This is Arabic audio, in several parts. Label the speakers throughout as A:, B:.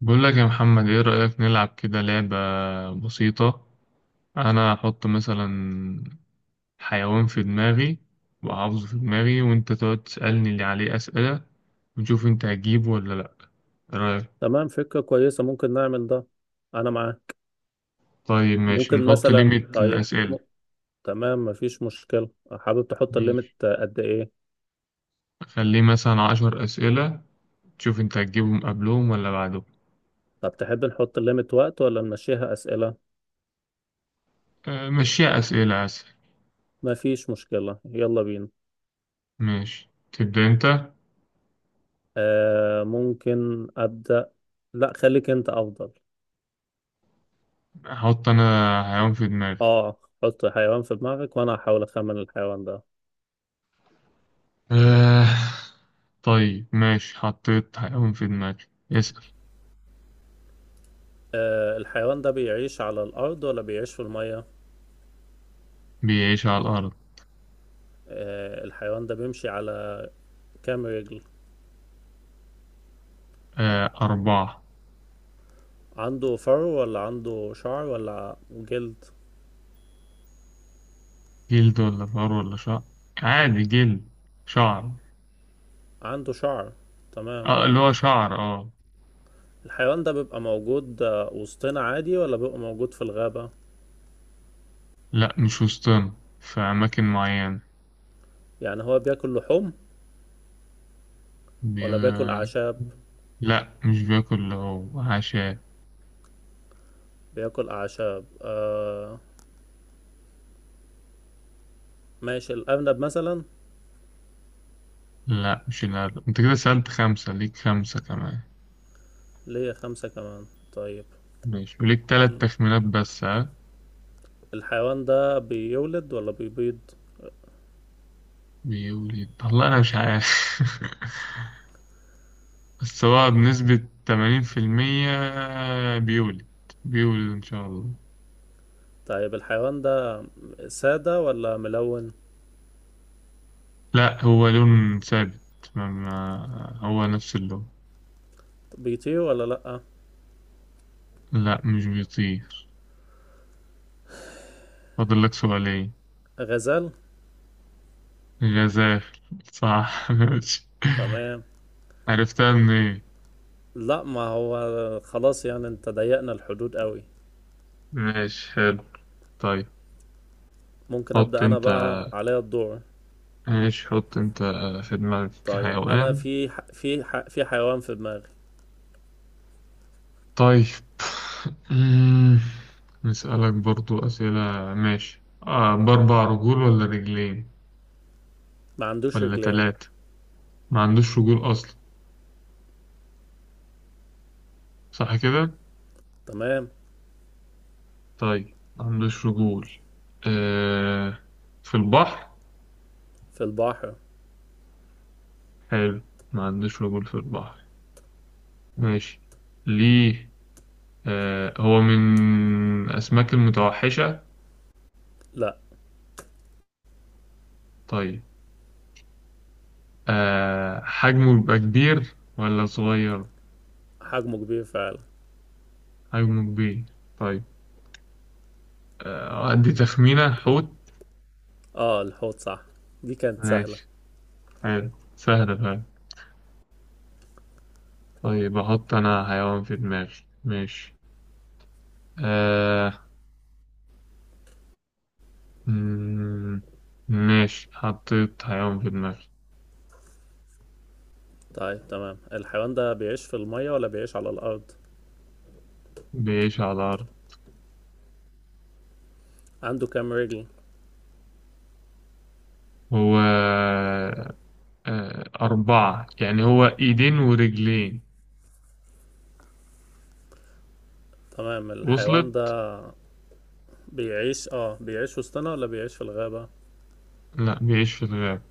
A: بقول لك يا محمد ايه رأيك نلعب كده لعبة بسيطة. انا هحط مثلا حيوان في دماغي وحافظه في دماغي وانت تقعد تسألني اللي عليه أسئلة ونشوف انت هتجيبه ولا لا. ايه رأيك؟
B: تمام، فكرة كويسة. ممكن نعمل ده. أنا معاه.
A: طيب ماشي
B: ممكن
A: نحط
B: مثلا،
A: ليميت
B: طيب
A: للأسئلة.
B: تمام، مفيش مشكلة. حابب تحط
A: ماشي،
B: الليمت قد إيه؟
A: خليه مثلا 10 أسئلة، تشوف انت هتجيبهم قبلهم ولا بعدهم.
B: طب تحب نحط الليمت وقت ولا نمشيها أسئلة؟
A: أه، مشيها أسئلة أسهل.
B: مفيش مشكلة، يلا بينا.
A: ماشي، تبدأ انت.
B: آه، ممكن أبدأ. لا، خليك أنت أفضل.
A: احط انا حيوان في دماغي.
B: آه، حط حيوان في دماغك وأنا هحاول أخمن الحيوان ده.
A: أه. طيب ماشي، حطيت حيوان في دماغي. اسأل.
B: آه، الحيوان ده بيعيش على الأرض ولا بيعيش في المية؟
A: بيعيش على الأرض.
B: آه، الحيوان ده بيمشي على كام رجل؟
A: آه، أربعة.
B: عنده فرو ولا عنده شعر ولا جلد؟
A: جلد ولا فار ولا شعر. عادي جلد. شعر.
B: عنده شعر، تمام.
A: آه اللي هو شعر، اه.
B: الحيوان ده بيبقى موجود وسطنا عادي، ولا بيبقى موجود في الغابة؟
A: لا مش وسطنا، في أماكن معينة.
B: يعني هو بياكل لحوم
A: بي...
B: ولا بياكل أعشاب؟
A: لا مش بياكل هو عشاء.
B: بياكل أعشاب. ماشي، الأرنب مثلا.
A: لا مش الأرض، انت كده سألت خمسة، ليك خمسة كمان.
B: ليه خمسة كمان؟ طيب.
A: ماشي، وليك تلات
B: مم.
A: تخمينات بس، ها.
B: الحيوان ده بيولد ولا بيبيض؟
A: بيقول ايه؟ والله أنا مش عارف. بس هو بنسبة 80% بيولد. بيولد إن شاء الله.
B: طيب، الحيوان ده سادة ولا ملون؟
A: لا هو لون ثابت، ما ما هو نفس اللون.
B: بيطير ولا لأ؟
A: لا مش بيطير. فاضل لك سؤالين.
B: غزال.
A: جزاف. صح. ماشي.
B: تمام.
A: عرفتها من ايه؟
B: لا، ما هو خلاص يعني انت ضيقنا الحدود قوي.
A: ماشي، حلو. طيب
B: ممكن
A: حط
B: ابدا انا،
A: انت.
B: بقى عليا الدور.
A: ماشي حط انت في دماغك
B: طيب، انا
A: حيوان.
B: في حيوان في دماغي.
A: طيب. أمم، نسألك برضو أسئلة. ماشي، آه بأربع رجول ولا رجلين
B: ما عندوش
A: ولا
B: رجلين.
A: تلاتة. ما عندوش رجول أصلا، صح كده؟
B: تمام.
A: طيب، ما عندوش رجول. آه، في البحر.
B: في البحر.
A: حلو، ما عندوش رجول في البحر. ماشي. ليه؟ آه، هو من أسماك المتوحشة.
B: لا.
A: طيب، آه حجمه بيبقى كبير ولا صغير.
B: حجمه كبير فعلا.
A: حجمه كبير. طيب، آه أدي تخمينة: حوت.
B: اه، الحوت صح. دي كانت سهلة.
A: ماشي، حلو. سهلة فعلا. طيب أحط أنا حيوان في دماغي. ماشي، آه. مم، ماشي، حطيت حيوان في دماغي.
B: طيب، تمام. الحيوان ده بيعيش في المية ولا بيعيش على الارض؟
A: بيعيش على الأرض.
B: عنده كام رجل؟
A: هو آه، أربعة، يعني هو إيدين ورجلين.
B: تمام. الحيوان ده
A: وصلت؟
B: بيعيش وسطنا، ولا بيعيش في الغابة؟
A: لا بيعيش في الغابة.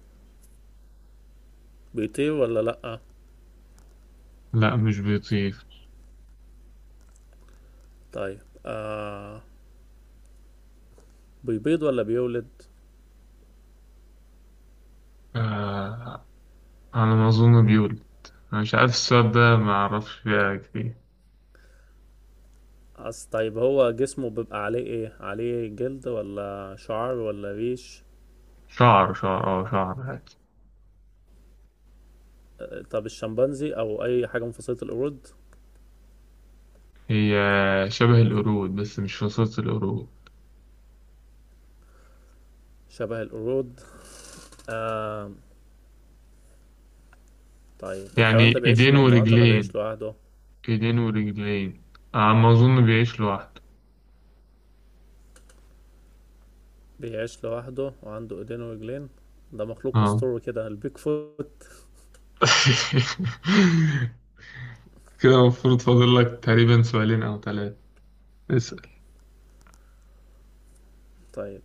B: بيطير ولا لأ؟
A: لا مش بيطير.
B: طيب، بيبيض ولا بيولد؟
A: آه، على ما أظن بيولد. أنا مش عارف، السؤال ده ما أعرفش فيها كتير.
B: أصل، طيب، هو جسمه بيبقى عليه ايه؟ عليه جلد ولا شعر ولا ريش؟
A: شعر شعر. اه شعر عادي.
B: طب الشمبانزي او اي حاجة من فصيلة القرود؟
A: هي شبه القرود بس مش فصيلة القرود.
B: شبه القرود، آه طيب. الحيوان ده
A: يعني
B: بيعيش في
A: إيدين
B: مجموعات ولا
A: ورجلين،
B: بيعيش لوحده؟
A: إيدين ورجلين. على ما أظن بيعيش لوحده.
B: بيعيش لوحده وعنده ايدين ورجلين؟ ده مخلوق
A: اه.
B: اسطوري كده، البيك فوت.
A: كده المفروض فاضل لك تقريبا سؤالين أو ثلاثة. اسأل.
B: طيب،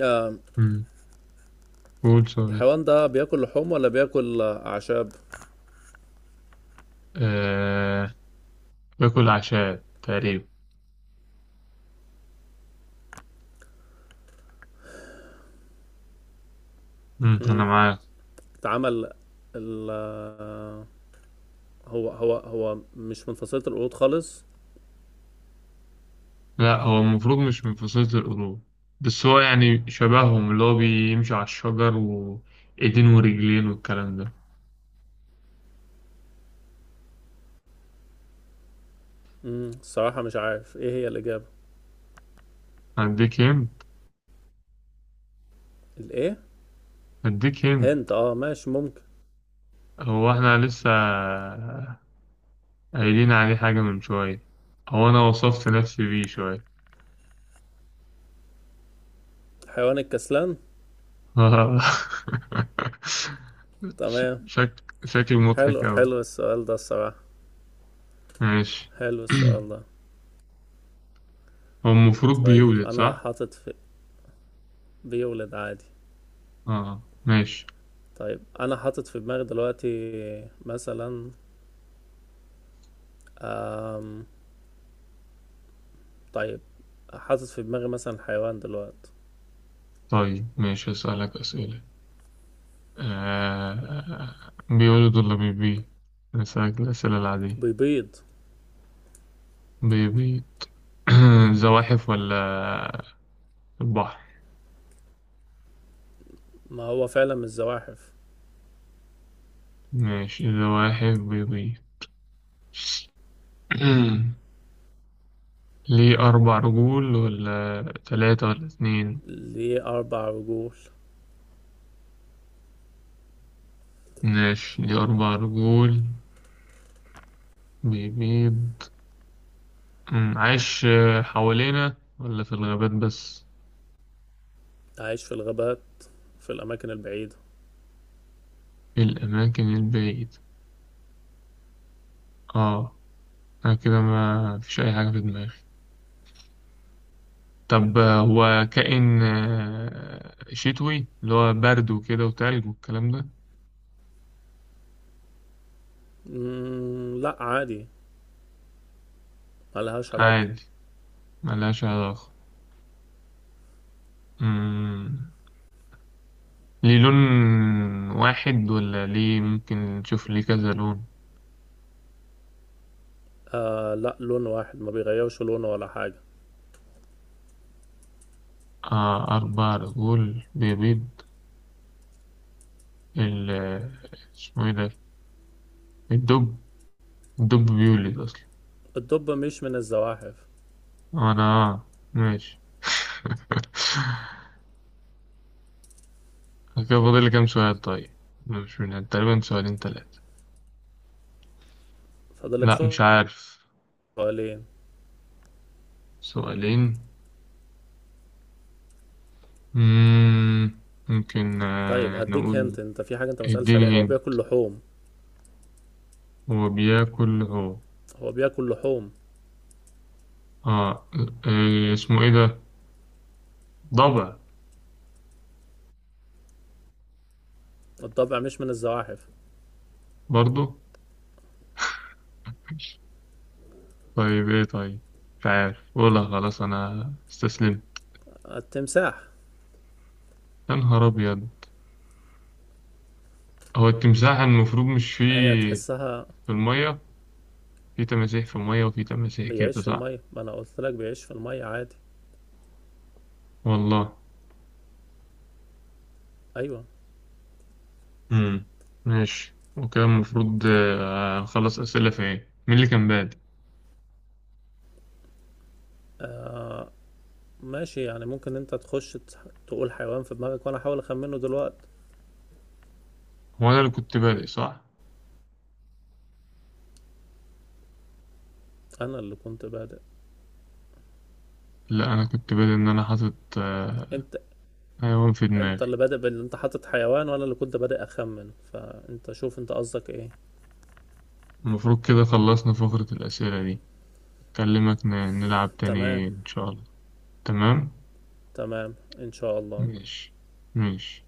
B: آه
A: مم. قول سؤال.
B: الحيوان ده بياكل لحوم ولا بياكل اعشاب؟
A: آه... باكل عشاء تقريبا. مم. أنا
B: مم،
A: معاك.
B: اتعمل ال آه، هو مش من فصيلة القرود خالص؟
A: لا هو المفروض مش من فصيلة القرود، بس هو يعني شبههم اللي هو بيمشي على الشجر وإيدين ورجلين والكلام ده.
B: الصراحة مش عارف ايه هي الإجابة.
A: هديك هنت.
B: الايه؟
A: هديك هنت.
B: هند، اه، ماشي، ممكن.
A: هو احنا لسه قايلين عليه حاجة من شوية، هو أنا وصفت نفسي بيه شوية.
B: حيوان الكسلان. تمام.
A: شكل
B: حلو،
A: مضحك أوي.
B: حلو السؤال ده الصراحة.
A: ماشي.
B: حلو السؤال ده.
A: هو المفروض
B: طيب،
A: بيولد،
B: انا
A: صح؟
B: حاطط في. بيولد عادي.
A: اه ماشي.
B: طيب، انا حاطط في دماغي دلوقتي مثلا. آم... طيب، حاطط في دماغي مثلا حيوان دلوقتي.
A: طيب ماشي، هسألك أسئلة. بيولد ولا بيبيض؟ هسألك الأسئلة العادية.
B: بيبيض.
A: بيبيض. زواحف ولا البحر؟
B: ما هو فعلا من الزواحف.
A: ماشي، زواحف بيبيض. ليه أربع رجول ولا تلاتة ولا اتنين؟
B: ليه أربع رجول.
A: ماشي، ليه أربع رجول بيبيض. عايش آه، حوالينا ولا في الغابات بس؟
B: عايش في الغابات، في الأماكن البعيدة.
A: في الأماكن البعيدة. آه. أنا كده ما فيش أي حاجة في دماغي. طب آه، هو كائن شتوي، اللي هو برد وكده وتلج والكلام ده.
B: لا، عادي. ملهاش علاقة.
A: عادي، ملهاش علاقة. أمم، ليه لون واحد ولا ليه ممكن نشوف ليه كذا لون.
B: آه، لا، لون واحد، ما بيغيروش لونه ولا حاجة.
A: آه أربع رجول بيبيض. ال- اسمه إيه ده؟ الدب. الدب بيولد أصلا.
B: الدب مش من الزواحف.
A: انا، ماشي. كده فاضل لي كام سؤال طيب؟ مش من تقريبا سؤالين ثلاثة؟
B: فاضلك
A: لا مش عارف.
B: سؤالين.
A: سؤالين. مم. ممكن
B: طيب،
A: آه،
B: هديك
A: نقول.
B: هنت. انت في حاجة انت مسألش عليها،
A: اديني
B: هو
A: هند.
B: بياكل لحوم.
A: هو بياكل،
B: هو بياكل لحوم.
A: اه. آه، اسمه ايه ده؟ ضبع.
B: الضبع مش من الزواحف.
A: برضو؟ طيب ايه طيب، مش عارف، قولها خلاص، انا استسلمت.
B: التمساح.
A: يا نهار ابيض. هو التمساح المفروض مش فيه
B: هي تحسها.
A: في المية، في تماسيح في المية وفي تماسيح كده،
B: بيعيش في
A: صح؟
B: المية، ما انا قلت لك بيعيش في المية عادي.
A: والله.
B: ايوه.
A: امم. ماشي، وكده المفروض آه، أخلص أسئلة. في إيه، مين اللي كان بادئ؟
B: آه، ماشي. يعني ممكن انت تخش تقول حيوان في دماغك وانا احاول اخمنه دلوقتي.
A: هو أنا اللي كنت بادئ، صح؟
B: انا اللي كنت بادئ.
A: لا أنا كنت بادئ إن أنا حاطط آه،
B: انت.
A: حيوان في دماغي.
B: انت اللي بادئ بان انت حاطط حيوان، وانا اللي كنت بادئ اخمن، فانت شوف انت قصدك ايه.
A: المفروض كده خلصنا فقرة الأسئلة دي. أكلمك نلعب
B: تمام.
A: تاني إن شاء الله. تمام.
B: تمام، ان شاء الله.
A: ماشي. ماشي